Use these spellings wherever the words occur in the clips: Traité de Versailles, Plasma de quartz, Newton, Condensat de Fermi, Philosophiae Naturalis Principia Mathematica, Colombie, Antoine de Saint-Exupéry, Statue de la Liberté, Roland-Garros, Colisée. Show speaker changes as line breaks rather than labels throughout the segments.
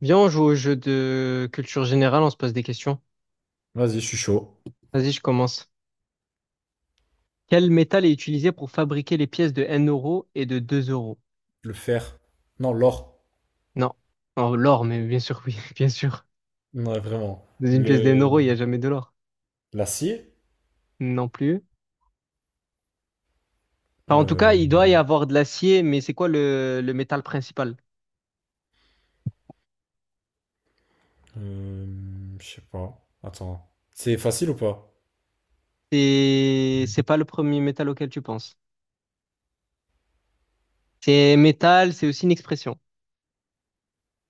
Viens, on joue au jeu de culture générale, on se pose des questions.
Vas-y, je suis chaud.
Vas-y, je commence. Quel métal est utilisé pour fabriquer les pièces de 1 euro et de 2 euros?
Le fer. Non, l'or.
Non. Oh, l'or, mais bien sûr, oui, bien sûr.
Non, vraiment.
Dans une pièce
Le...
d'un euro, il n'y a jamais de l'or.
L'acier.
Non plus. Enfin, en tout cas,
Euh...
il doit y avoir de l'acier, mais c'est quoi le métal principal?
Je sais pas. Attends. C'est facile ou pas?
C'est pas le premier métal auquel tu penses. C'est métal, c'est aussi une expression.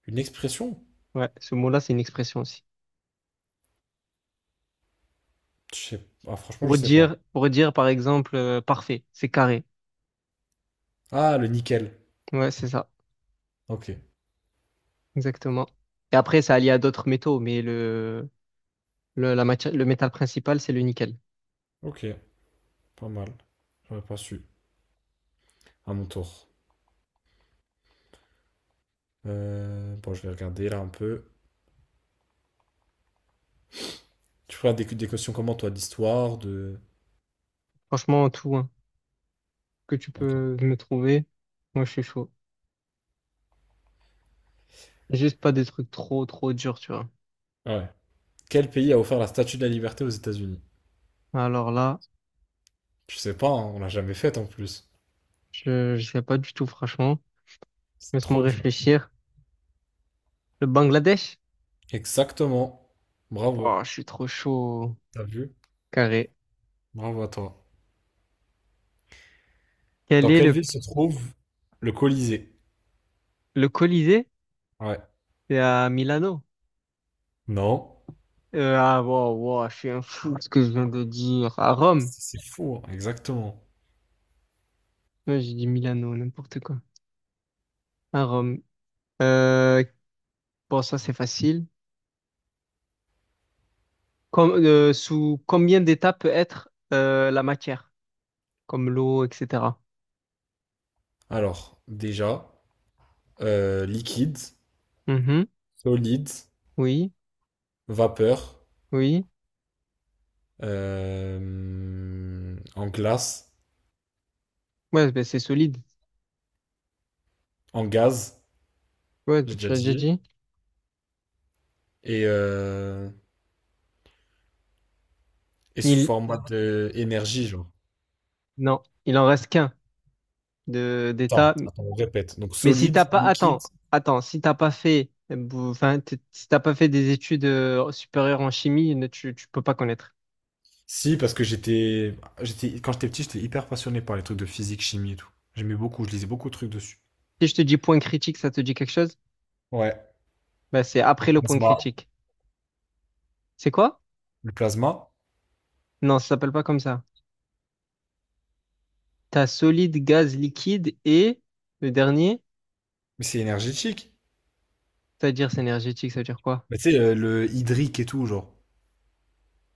Une expression?
Ouais, ce mot-là, c'est une expression aussi.
Ah, franchement, je
Pour
sais pas.
dire, pour dire, par exemple, parfait, c'est carré.
Ah, le nickel.
Ouais, c'est ça.
Ok.
Exactement. Et après, ça allie à d'autres métaux, mais la matière, le métal principal, c'est le nickel.
Ok. Pas mal. J'aurais pas su. À mon tour. Bon, je vais regarder là un peu. Tu feras des questions comment, toi, d'histoire, de...
Franchement, tout, hein, que tu
Ok.
peux me trouver, moi, je suis chaud. Juste pas des trucs trop, trop durs, tu vois.
Ah, ouais. Quel pays a offert la Statue de la Liberté aux États-Unis?
Alors là,
Je sais pas, hein, on l'a jamais faite en plus.
je sais pas du tout, franchement.
C'est
Laisse-moi
trop dur.
réfléchir. Le Bangladesh?
Exactement. Bravo.
Oh, je suis trop chaud.
T'as vu?
Carré.
Bravo à toi.
Quel
Dans
est
quelle ville se trouve le Colisée?
le Colisée?
Ouais.
C'est à Milano.
Non.
Ah, wow, wow, je suis un fou de ce que je viens de dire. À Rome.
C'est fou, hein. Exactement.
Ouais, j'ai dit Milano, n'importe quoi. À Rome. Euh, bon, ça, c'est facile. Sous combien d'états peut être la matière? Comme l'eau, etc.
Alors, déjà, liquide,
Mhm.
solide,
Oui,
vapeur,
oui.
en glace,
Ouais, ben, c'est solide.
en gaz,
Ouais, ben,
j'ai
tu
déjà
l'as déjà
dit,
dit.
et, euh, et sous
Il...
format d'énergie, genre.
Non, il en reste qu'un de
Attends,
d'état.
attends, on répète. Donc
Mais si
solide,
t'as pas...
liquide.
Attends, attends. Si t'as pas fait... Enfin, si t'as pas fait des études supérieures en chimie, tu peux pas connaître.
Si, parce que j'étais, quand j'étais petit, j'étais hyper passionné par les trucs de physique, chimie et tout. J'aimais beaucoup, je lisais beaucoup de trucs dessus.
Si je te dis point critique, ça te dit quelque chose?
Ouais.
Bah, c'est
Le
après le point
plasma.
critique. C'est quoi?
Le plasma,
Non, ça s'appelle pas comme ça. T'as solide, gaz, liquide et le dernier,
mais c'est énergétique.
c'est-à-dire c'est énergétique, ça veut dire quoi?
Bah, tu sais, le hydrique et tout, genre.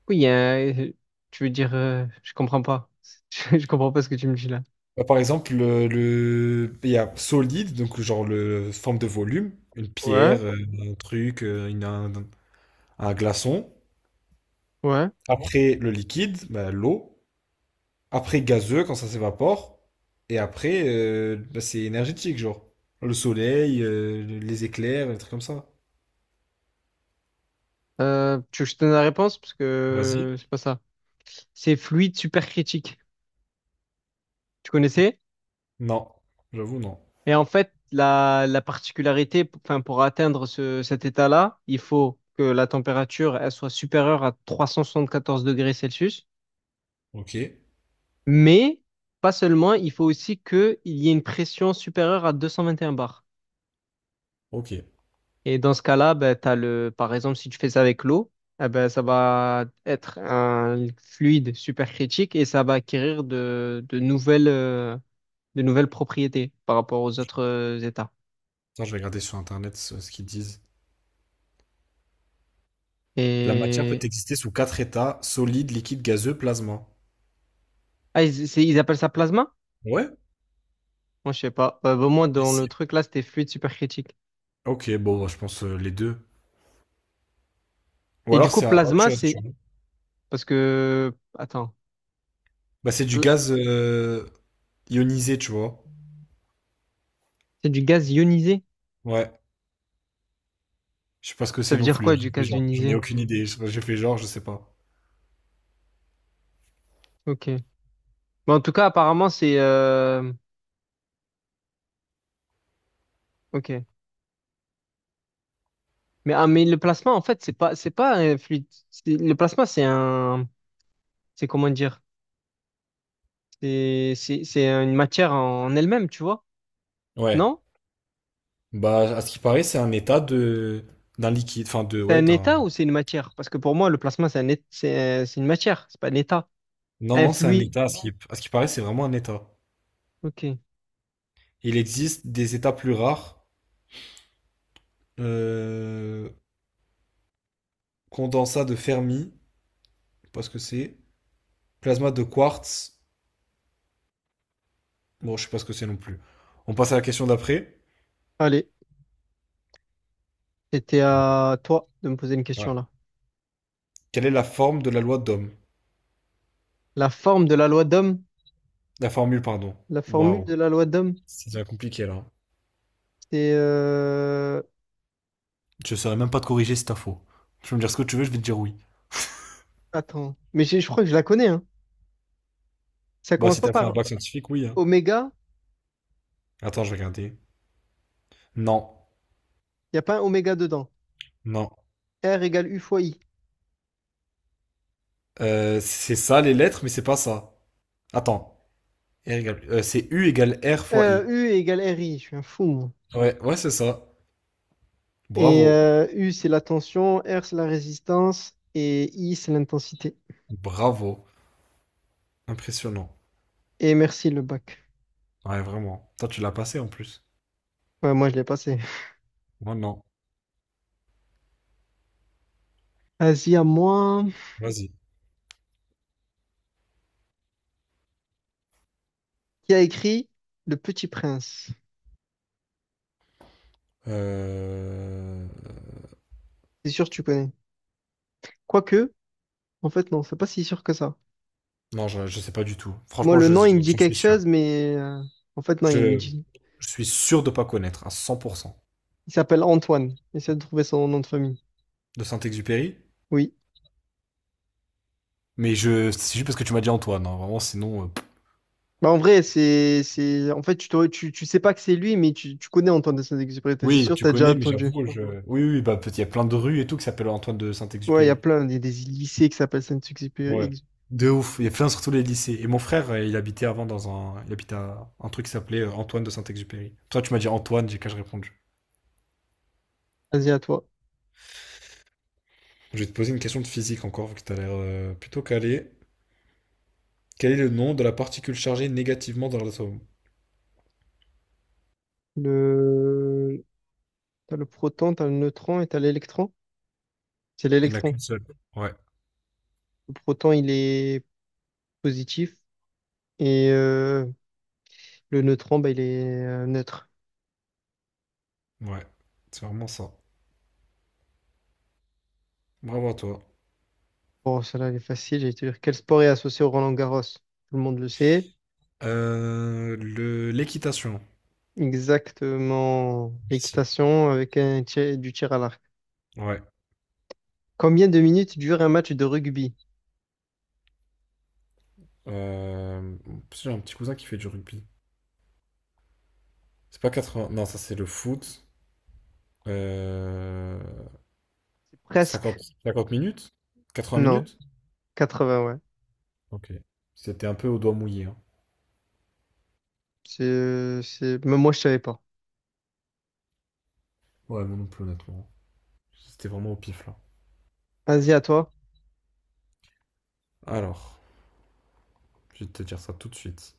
Oui, il y a tu veux dire, je comprends pas. Je comprends pas ce que tu me dis là.
Bah, par exemple, il y a solide, donc genre le forme de volume, une
Ouais,
pierre, un truc, un glaçon.
ouais.
Après, le liquide, bah, l'eau. Après gazeux quand ça s'évapore. Et après, bah, c'est énergétique, genre. Le soleil, les éclairs, des trucs comme ça.
Tu veux que je te donne la réponse? Parce
Vas-y.
que c'est pas ça. C'est fluide supercritique. Tu connaissais?
Non, j'avoue, non.
Et en fait, la particularité, enfin, pour atteindre cet état-là, il faut que la température elle soit supérieure à 374 °C,
Ok,
mais pas seulement, il faut aussi qu'il y ait une pression supérieure à 221 bars.
ok. Attends,
Et dans ce cas-là, ben, t'as le, par exemple, si tu fais ça avec l'eau, eh ben, ça va être un fluide supercritique et ça va acquérir de nouvelles propriétés par rapport aux autres états.
je vais regarder sur Internet ce qu'ils disent. La matière peut
Et
exister sous quatre états, solide, liquide, gazeux, plasma.
ah, ils appellent ça plasma?
Ouais,
Moi, je sais pas. Bah, moi,
mais
dans le
si.
truc là, c'était fluide supercritique.
Ok, bon, bah, je pense les deux. Ou
Et du
alors
coup,
autre
plasma,
chose,
c'est
tu vois.
parce que attends,
Bah, c'est du gaz ionisé, tu vois.
c'est du gaz ionisé.
Ouais, je sais pas ce que
Ça
c'est
veut
non
dire
plus, hein.
quoi
J'ai
du
fait
gaz
genre, j'en ai
ionisé?
aucune idée. J'ai fait genre, je sais pas.
Ok. Mais en tout cas, apparemment, c'est ok. Mais ah, mais le plasma, en fait, c'est pas fluide. Le plasma, c'est un c'est comment dire? C'est une matière en elle-même, tu vois?
Ouais,
Non?
bah, à ce qui paraît, c'est un état de d'un liquide, enfin de
C'est
ouais,
un
d'un.
état ou c'est une matière? Parce que pour moi, le plasma, c'est une matière. C'est pas un état.
Non,
Un
non, c'est un
fluide.
état. À ce qui paraît, c'est vraiment un état.
Ok.
Il existe des états plus rares. Euh... Condensat de Fermi, je sais pas ce que c'est. Plasma de quartz, bon, je sais pas ce que c'est non plus. On passe à la question d'après.
Allez. C'était à toi de me poser une
Ouais.
question là.
Quelle est la forme de la loi d'Ohm?
La forme de la loi d'Ohm,
La formule, pardon.
la formule
Waouh,
de la loi d'Ohm,
c'est déjà compliqué là.
c'est
Je saurais même pas te corriger si t'as faux. Tu peux me dire ce que tu veux, je vais te dire oui.
attends, mais je crois que je la connais hein. Ça
Bah,
commence
si
pas
t'as fait un
par
bac scientifique, oui, hein.
oméga,
Attends, je vais regarder. Non,
il y a pas un oméga dedans.
non.
R égale U fois I.
C'est ça les lettres, mais c'est pas ça. Attends. C'est U égale R fois I.
U égale R I, je suis un fou moi.
Ouais, ouais, c'est ça.
Et
Bravo.
U c'est la tension, R c'est la résistance et I c'est l'intensité.
Bravo. Impressionnant.
Et merci le bac.
Ouais, vraiment. Toi, tu l'as passé en plus.
Ouais, moi je l'ai passé.
Moi, non.
Vas-y à moi.
Vas-y.
Qui a écrit Le Petit Prince?
Euh...
C'est sûr que tu connais. Quoique, en fait non, c'est pas si sûr que ça.
Non, je sais pas du tout.
Moi,
Franchement,
le nom, il me dit
j'en suis
quelque
sûr.
chose, mais en fait, non, il me
Je,
dit.
je suis sûr de pas connaître à 100%
Il s'appelle Antoine. Essaie de trouver son nom de famille.
de Saint-Exupéry.
Oui.
Mais c'est juste parce que tu m'as dit Antoine, hein. Vraiment, sinon. Pff.
Bah, en vrai, en fait, t'aurais- tu sais pas que c'est lui, mais tu connais Antoine de Saint-Exupéry. T'es
Oui,
sûr,
tu
t'as déjà
connais, mais
entendu.
j'avoue, je. Oui, oui, bah, il y a plein de rues et tout qui s'appellent Antoine de
Ouais, il y a
Saint-Exupéry.
plein, il y a des lycées qui s'appellent Saint-Exupéry.
Ouais. De ouf, il y a plein surtout les lycées. Et mon frère, il habitait avant il habitait à un truc qui s'appelait Antoine de Saint-Exupéry. Toi, tu m'as dit Antoine, j'ai qu'à je répondu.
Vas-y, à toi.
Je vais te poser une question de physique encore, vu que t'as l'air plutôt calé. Quel est le nom de la particule chargée négativement dans l'atome?
Le, t'as le proton, t'as le neutron et t'as l'électron. C'est
Il n'y en a
l'électron.
qu'une seule. Ouais,
Le proton, il est positif et le neutron, bah, il est neutre.
ouais, c'est vraiment ça. Bravo à toi.
Bon, celle-là, elle est facile. J'allais te dire, quel sport est associé au Roland-Garros? Tout le monde le sait.
L'équitation.
Exactement.
Merci.
L'équitation avec du tir à l'arc.
Ouais.
Combien de minutes dure un match de rugby?
En plus, j'ai un petit cousin qui fait du rugby. C'est pas 80. Non, ça c'est le foot. Euh,
C'est
cinquante
presque.
cinquante minutes? Quatre-vingts
Non.
minutes?
80. Ouais.
Ok. C'était un peu au doigt mouillé, hein.
Même moi, je savais pas.
Ouais, moi non plus, honnêtement. C'était vraiment au pif là.
Vas-y, à toi.
Alors, je vais te dire ça tout de suite.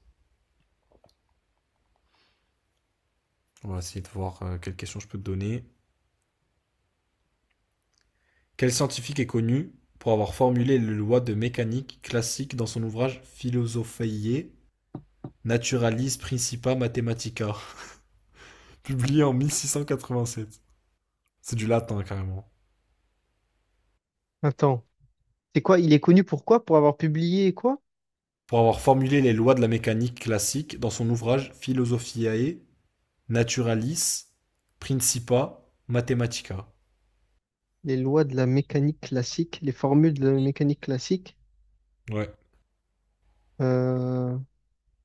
On va essayer de voir quelle question je peux te donner. Quel scientifique est connu pour avoir formulé les lois de mécanique classique dans son ouvrage Philosophiae Naturalis Principia Mathematica, publié en 1687. C'est du latin carrément.
Attends. C'est quoi? Il est connu pour quoi? Pour avoir publié quoi?
Pour avoir formulé les lois de la mécanique classique dans son ouvrage Philosophiae Naturalis, Principa, Mathematica.
Les lois de la mécanique classique, les formules de la mécanique classique.
Ouais,
Euh,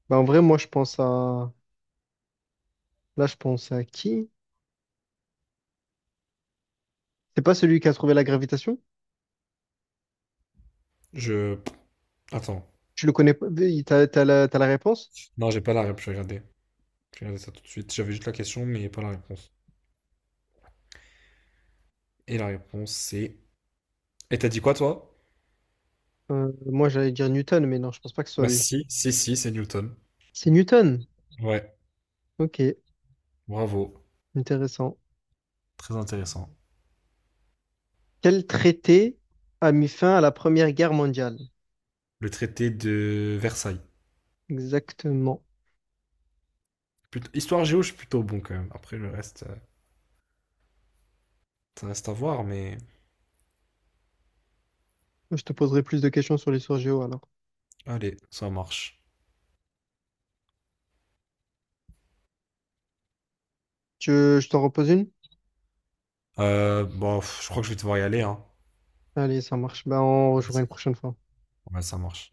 bah, en vrai, moi, je pense à... Là, je pense à qui? C'est pas celui qui a trouvé la gravitation?
je. Attends.
Tu le connais pas? T'as la réponse?
Non, j'ai pas la réponse. Je vais regarder. Je vais regarder ça tout de suite. J'avais juste la question, mais pas la réponse. Et la réponse, c'est. Et t'as dit quoi, toi?
Moi, j'allais dire Newton, mais non, je pense pas que ce soit
Bah,
lui.
si, si, si, c'est Newton.
C'est Newton.
Ouais,
Ok,
bravo.
intéressant.
Très intéressant.
Quel traité a mis fin à la Première Guerre mondiale?
Le traité de Versailles.
Exactement.
Histoire géo, je suis plutôt bon quand même. Après, le reste, ça reste à voir, mais
Je te poserai plus de questions sur l'histoire géo alors.
allez, ça marche.
Tu, je t'en repose une?
Bon, je crois que je vais devoir y aller, hein.
Allez, ça marche. Ben, on rejouera une prochaine fois.
Ouais, ça marche.